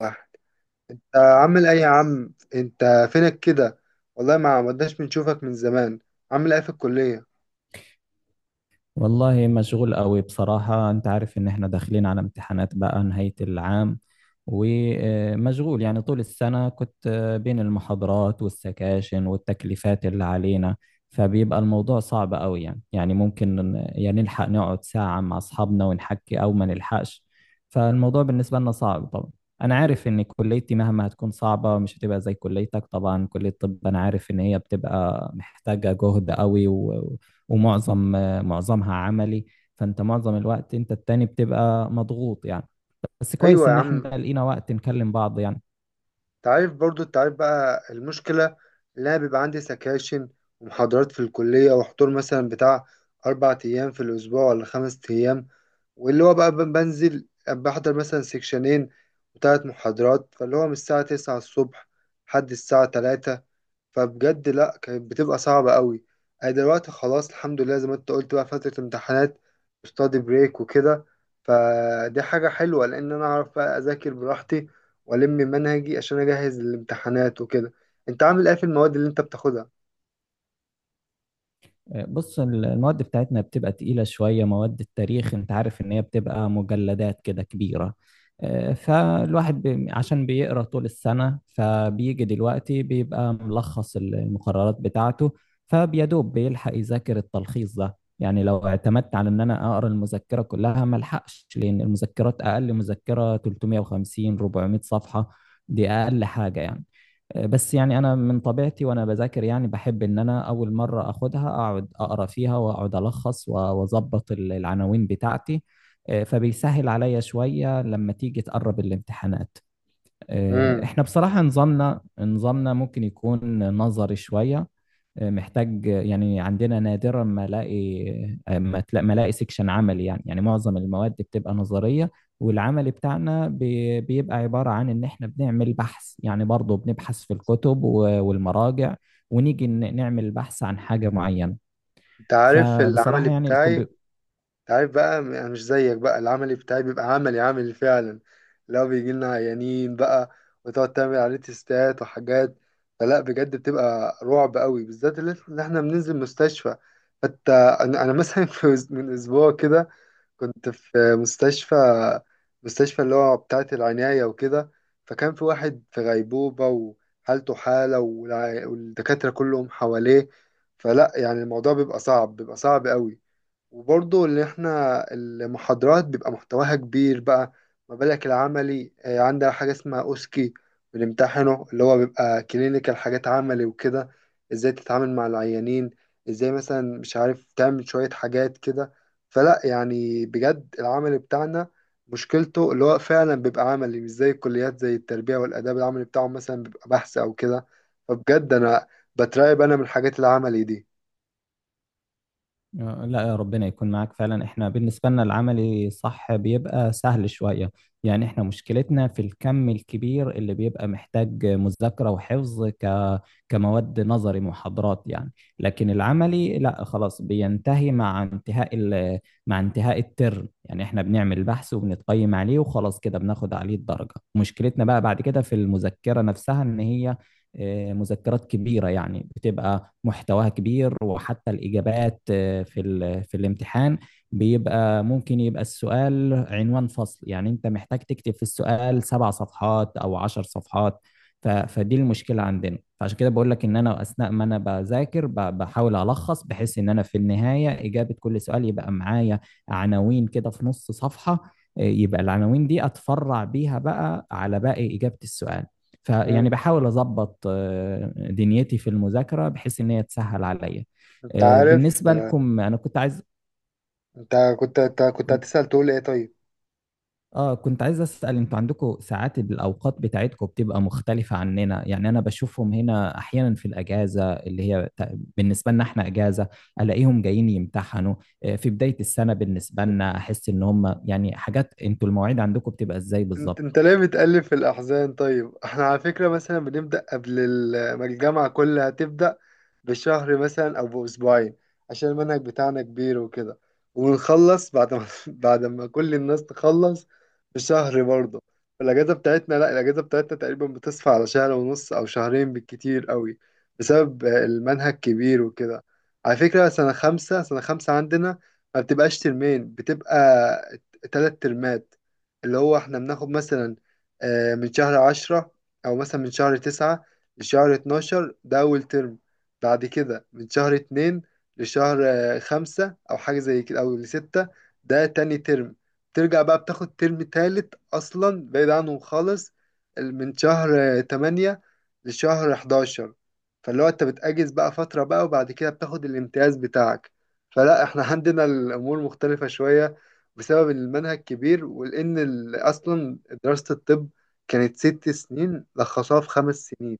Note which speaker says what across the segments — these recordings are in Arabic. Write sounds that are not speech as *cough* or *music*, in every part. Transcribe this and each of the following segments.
Speaker 1: واحد. انت عامل ايه يا عم؟ انت فينك كده؟ والله ما عمدناش بنشوفك من زمان. عامل ايه في الكلية؟
Speaker 2: والله مشغول قوي بصراحة، انت عارف ان احنا داخلين على امتحانات بقى نهاية العام. ومشغول يعني طول السنة كنت بين المحاضرات والسكاشن والتكليفات اللي علينا. فبيبقى الموضوع صعب قوي، يعني يعني ممكن نلحق نقعد ساعة مع اصحابنا ونحكي او ما نلحقش. فالموضوع بالنسبة لنا صعب طبعا. انا
Speaker 1: مم.
Speaker 2: عارف ان كليتي مهما هتكون صعبة مش هتبقى زي كليتك، طبعا كلية الطب انا عارف ان هي بتبقى محتاجة جهد قوي و... ومعظم معظمها عملي. فانت معظم الوقت انت التاني بتبقى مضغوط يعني. بس كويس
Speaker 1: ايوه يا
Speaker 2: ان احنا
Speaker 1: عم.
Speaker 2: لقينا وقت نكلم بعض يعني.
Speaker 1: انت عارف برضو، انت عارف بقى المشكلة اللي انا بيبقى عندي سكاشن ومحاضرات في الكلية، وحضور مثلا بتاع 4 ايام في الاسبوع ولا 5 ايام. واللي هو بقى بنزل بحضر مثلا سكشنين وثلاث محاضرات، فاللي هو من الساعة تسعة الصبح لحد الساعة 3. فبجد لا، كانت بتبقى صعبة قوي. أنا دلوقتي خلاص الحمد لله زي ما أنت قلت بقى فترة امتحانات، ستادي بريك وكده. فدي حاجة حلوة لأن أنا أعرف بقى أذاكر براحتي وألم منهجي عشان أجهز الامتحانات وكده. أنت عامل إيه في المواد اللي أنت بتاخدها؟
Speaker 2: بص المواد بتاعتنا بتبقى تقيلة شوية، مواد التاريخ انت عارف ان هي بتبقى مجلدات كده كبيرة. فالواحد عشان بيقرأ طول السنة فبيجي دلوقتي بيبقى ملخص المقررات بتاعته. فبيدوب بيلحق يذاكر التلخيص ده، يعني لو اعتمدت على ان انا اقرا المذكرة كلها ملحقش، لان المذكرات اقل مذكرة 350 400 صفحة. دي اقل حاجة يعني. بس يعني انا من طبيعتي وانا بذاكر يعني بحب ان انا اول مره اخدها اقعد اقرا فيها واقعد الخص واظبط العناوين بتاعتي. فبيسهل عليا شويه لما تيجي تقرب الامتحانات.
Speaker 1: امم.
Speaker 2: احنا بصراحة نظامنا ممكن يكون نظري شوية. محتاج يعني، عندنا نادرا ما الاقي ما الاقي سيكشن عملي، يعني يعني معظم المواد بتبقى نظرية. والعمل بتاعنا بيبقى عبارة عن ان احنا بنعمل بحث، يعني برضه بنبحث في الكتب والمراجع، ونيجي نعمل بحث عن حاجة معينة.
Speaker 1: أنت عارف العمل
Speaker 2: فبصراحة يعني
Speaker 1: بتاعي. عارف بقى، أنا مش زيك بقى. العملي بتاعي بيبقى عملي عملي فعلا. لو بيجي لنا عيانين بقى وتقعد تعمل عليه تيستات وحاجات، فلا بجد بتبقى رعب قوي، بالذات اللي احنا بننزل مستشفى. حتى أنا مثلا *laughs* في من اسبوع كده كنت في مستشفى، مستشفى اللي هو بتاعة العناية وكده. فكان في واحد في غيبوبة وحالته حالة، والدكاترة كلهم حواليه. فلا يعني الموضوع بيبقى صعب، بيبقى صعب قوي. وبرضه اللي احنا المحاضرات بيبقى محتواها كبير بقى. ما بالك العملي؟ عندها حاجة اسمها أوسكي بنمتحنه، اللي هو بيبقى كلينيكال، حاجات عملي وكده. ازاي تتعامل مع العيانين، ازاي مثلا مش عارف تعمل شوية حاجات كده. فلا يعني بجد العمل بتاعنا مشكلته اللي هو فعلا بيبقى عملي، مش زي الكليات زي التربية والآداب، العملي بتاعهم مثلا بيبقى بحث أو كده. فبجد أنا بترعب من الحاجات العملي دي.
Speaker 2: لا، ربنا يكون معاك فعلا. احنا بالنسبة لنا العملي صح بيبقى سهل شوية، يعني احنا مشكلتنا في الكم الكبير اللي بيبقى محتاج مذاكرة وحفظ كمواد نظري محاضرات يعني. لكن العملي لا خلاص بينتهي مع انتهاء مع انتهاء الترم، يعني احنا بنعمل بحث وبنتقيم عليه وخلاص كده بناخد عليه الدرجة. مشكلتنا بقى بعد كده في المذكرة نفسها، ان هي مذكرات كبيرة يعني، بتبقى محتواها كبير، وحتى الإجابات في الامتحان بيبقى ممكن يبقى السؤال عنوان فصل، يعني أنت محتاج تكتب في السؤال سبع صفحات أو عشر صفحات. فدي المشكلة عندنا. فعشان كده بقول لك إن أنا أثناء ما أنا بذاكر بحاول ألخص، بحيث إن أنا في النهاية إجابة كل سؤال يبقى معايا عناوين كده في نص صفحة. يبقى العناوين دي اتفرع بيها بقى على باقي اجابه السؤال. فيعني
Speaker 1: مم.
Speaker 2: بحاول اظبط دنيتي في المذاكره، بحيث ان هي تسهل عليا.
Speaker 1: انت عارف.
Speaker 2: بالنسبه لكم انا كنت عايز
Speaker 1: انت كنت
Speaker 2: كنت-
Speaker 1: هتسأل تقول ايه طيب؟
Speaker 2: اه كنت عايز اسال، انتوا عندكم ساعات، الاوقات بتاعتكم بتبقى مختلفه عننا؟ يعني انا بشوفهم هنا احيانا في الاجازه اللي هي بالنسبه لنا احنا اجازه، الاقيهم جايين يمتحنوا في بدايه السنه. بالنسبه لنا احس ان هم يعني حاجات، انتوا المواعيد عندكم بتبقى ازاي
Speaker 1: انت
Speaker 2: بالظبط؟
Speaker 1: انت ليه بتقلب في الاحزان؟ طيب احنا على فكره مثلا بنبدا قبل ما الجامعه كلها تبدا بشهر مثلا او باسبوعين، عشان المنهج بتاعنا كبير وكده. ونخلص بعد ما *laughs* بعد ما كل الناس تخلص بشهر برضه. الاجازه بتاعتنا، لا، الاجازه بتاعتنا تقريبا بتصفى على شهر ونص او شهرين بالكتير قوي، بسبب المنهج كبير وكده. على فكره سنه خمسه سنه خمسه عندنا ما بتبقاش ترمين، بتبقى تلات ترمات. اللي هو احنا بناخد مثلا من شهر عشرة او مثلا من شهر تسعة لشهر اتناشر، ده اول ترم. بعد كده من شهر اتنين لشهر خمسة او حاجة زي كده او لستة، ده تاني ترم. ترجع بقى بتاخد ترم تالت اصلا بعيد عنهم خالص، من شهر تمانية لشهر حداشر. فاللي هو انت بتأجز بقى فترة بقى وبعد كده بتاخد الامتياز بتاعك. فلا احنا عندنا الامور مختلفة شوية بسبب المنهج كبير، ولأن أصلا دراسة الطب كانت 6 سنين لخصوها في 5 سنين،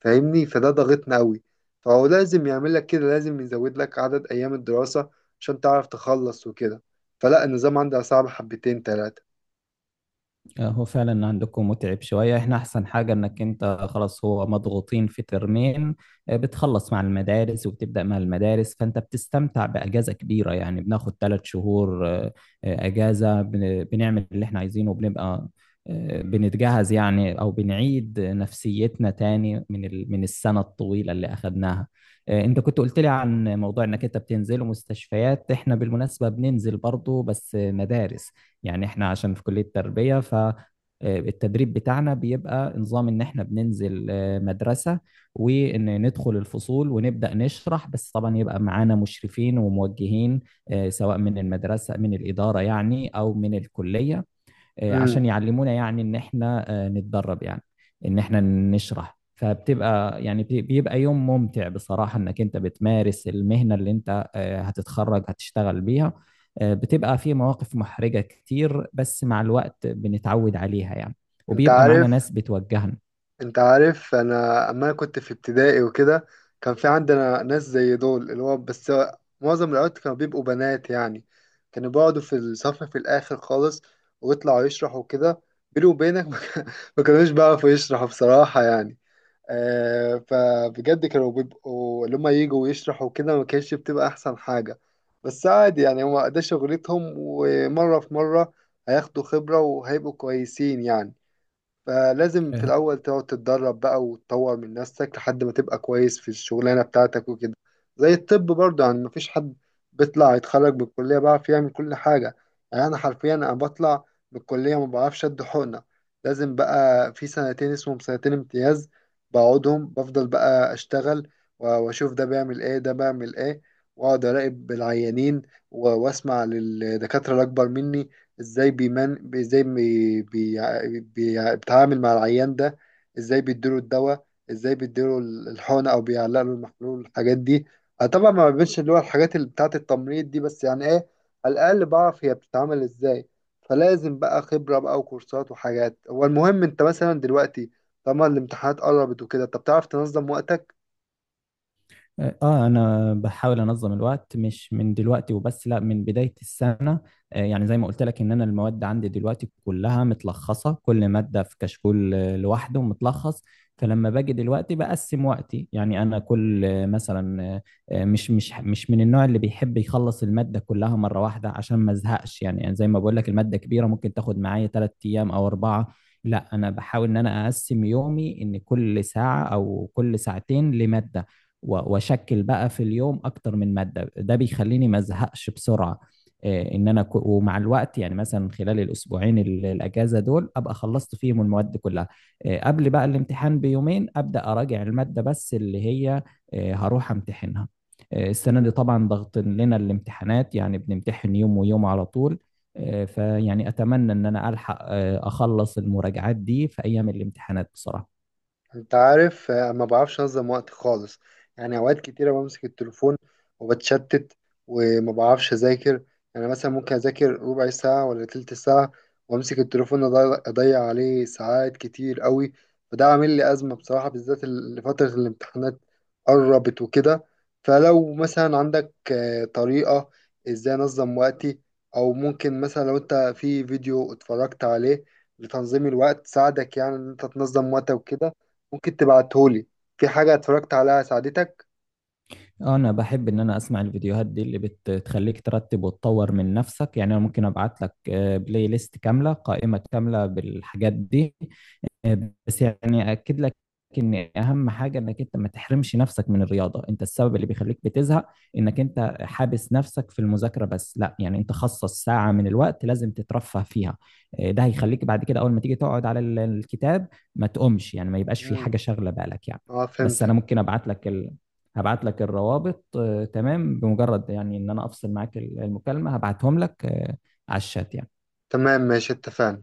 Speaker 1: فاهمني؟ فده ضغطنا أوي. فهو لازم يعمل لك كده، لازم يزود لك عدد أيام الدراسة عشان تعرف تخلص وكده. فلا النظام عندها صعب حبتين تلاتة.
Speaker 2: هو فعلا عندكم متعب شوية. احنا احسن حاجة انك انت خلاص، هو مضغوطين في ترمين بتخلص مع المدارس وبتبدأ مع المدارس، فانت بتستمتع بأجازة كبيرة، يعني بناخد ثلاث شهور أجازة، بنعمل اللي احنا عايزينه، وبنبقى بنتجهز يعني، او بنعيد نفسيتنا تاني من من السنة الطويلة اللي اخدناها. انت كنت قلت لي عن موضوع انك انت بتنزل مستشفيات. احنا بالمناسبة بننزل برضو بس مدارس، يعني احنا عشان في كلية تربية، فالتدريب بتاعنا بيبقى نظام ان احنا بننزل مدرسة، وان ندخل الفصول ونبدأ نشرح، بس طبعا يبقى معانا مشرفين وموجهين سواء من المدرسة من الإدارة يعني أو من الكلية عشان
Speaker 1: امم.
Speaker 2: يعلمونا، يعني ان احنا نتدرب، يعني ان احنا نشرح. فبتبقى يعني بيبقى يوم ممتع بصراحة، انك انت بتمارس المهنة اللي انت هتتخرج هتشتغل بيها. بتبقى في مواقف محرجة كتير، بس مع الوقت بنتعود عليها يعني،
Speaker 1: انت
Speaker 2: وبيبقى معانا
Speaker 1: عارف
Speaker 2: ناس بتوجهنا.
Speaker 1: انت عارف انا اما كنت في ابتدائي وكده كان في عندنا ناس زي دول. اللي هو بس معظم الوقت كانوا بيبقوا بنات يعني، كانوا بيقعدوا في الصف في الاخر خالص ويطلعوا يشرحوا كده. بيني وبينك *laughs* ما كانوش بيعرفوا يشرحوا بصراحة يعني. آه، فبجد كانوا بيبقوا اللي هما يجوا ويشرحوا كده، ما كانتش بتبقى احسن حاجة. بس عادي يعني، هما ده شغلتهم، ومرة في مرة هياخدوا خبرة وهيبقوا كويسين يعني. فلازم في الأول تقعد تتدرب بقى وتطور من نفسك لحد ما تبقى كويس في الشغلانة بتاعتك وكده. زي الطب برضه يعني مفيش حد بيطلع يتخرج من الكلية بيعرف يعمل كل حاجة. يعني أنا حرفيا أنا بطلع من الكلية ما بعرفش أد حقنة. لازم بقى في سنتين اسمهم سنتين امتياز بقعدهم بفضل بقى أشتغل، وأشوف ده بيعمل إيه ده بيعمل إيه. وأقعد أراقب العيانين وأسمع للدكاترة الأكبر مني، ازاي بيمن ازاي بيتعامل مع العيان ده، ازاي بيديله الدواء، ازاي بيديله الحقنة، او بيعلق له المحلول، الحاجات دي. أنا طبعا ما بينش اللي هو الحاجات اللي بتاعة التمريض دي، بس يعني ايه، على الاقل بعرف هي بتتعمل ازاي. فلازم بقى خبرة بقى وكورسات وحاجات. هو المهم انت مثلا دلوقتي طالما الامتحانات قربت وكده، طب تعرف تنظم وقتك؟
Speaker 2: اه انا بحاول انظم الوقت، مش من دلوقتي وبس، لا من بداية السنة. يعني زي ما قلت لك، ان انا المواد عندي دلوقتي كلها متلخصة، كل مادة في كشكول لوحده متلخص. فلما باجي دلوقتي بقسم وقتي، يعني انا كل مثلا مش مش مش من النوع اللي بيحب يخلص المادة كلها مرة واحدة عشان ما ازهقش. يعني يعني زي ما بقول لك، المادة كبيرة ممكن تاخد معايا ثلاث ايام او اربعة. لا انا بحاول ان انا اقسم يومي، ان كل ساعة او كل ساعتين لمادة، واشكل بقى في اليوم اكتر من ماده. ده بيخليني ما ازهقش بسرعه. ان انا ومع الوقت يعني، مثلا خلال الاسبوعين الاجازه دول، ابقى خلصت فيهم المواد كلها. قبل بقى الامتحان بيومين ابدا اراجع الماده بس، اللي هي هروح امتحنها. السنه دي طبعا ضغط لنا الامتحانات، يعني بنمتحن يوم ويوم على طول. فيعني اتمنى ان انا الحق اخلص المراجعات دي في ايام الامتحانات بصراحه.
Speaker 1: انت عارف، ما بعرفش انظم وقت خالص. يعني اوقات كتيره بمسك التليفون وبتشتت وما بعرفش اذاكر. يعني مثلا ممكن اذاكر ربع ساعه ولا تلت ساعه، وامسك التليفون اضيع، عليه ساعات كتير قوي. فده عامل لي ازمه بصراحه، بالذات فتره الامتحانات قربت وكده. فلو مثلا عندك طريقه ازاي انظم وقتي، او ممكن مثلا لو انت في فيديو اتفرجت عليه لتنظيم الوقت ساعدك يعني ان انت تنظم وقتك وكده، ممكن تبعتهولي في حاجة اتفرجت عليها ساعدتك.
Speaker 2: انا بحب ان انا اسمع الفيديوهات دي اللي بتخليك ترتب وتطور من نفسك، يعني انا ممكن ابعت لك بلاي ليست كامله، قائمه كامله بالحاجات دي. بس يعني اكد لك ان اهم حاجه انك انت ما تحرمش نفسك من الرياضه. انت السبب اللي بيخليك بتزهق انك انت حابس نفسك في المذاكره بس، لا، يعني انت خصص ساعه من الوقت لازم تترفه فيها. إيه، ده هيخليك بعد كده اول ما تيجي تقعد على الكتاب ما تقومش، يعني ما يبقاش في
Speaker 1: مم.
Speaker 2: حاجه شاغله بالك يعني.
Speaker 1: اه،
Speaker 2: بس
Speaker 1: فهمتك.
Speaker 2: انا ممكن ابعت لك هبعت لك الروابط تمام، بمجرد يعني ان انا افصل معاك المكالمه هبعتهم لك على الشات يعني.
Speaker 1: تمام ماشي، اتفقنا.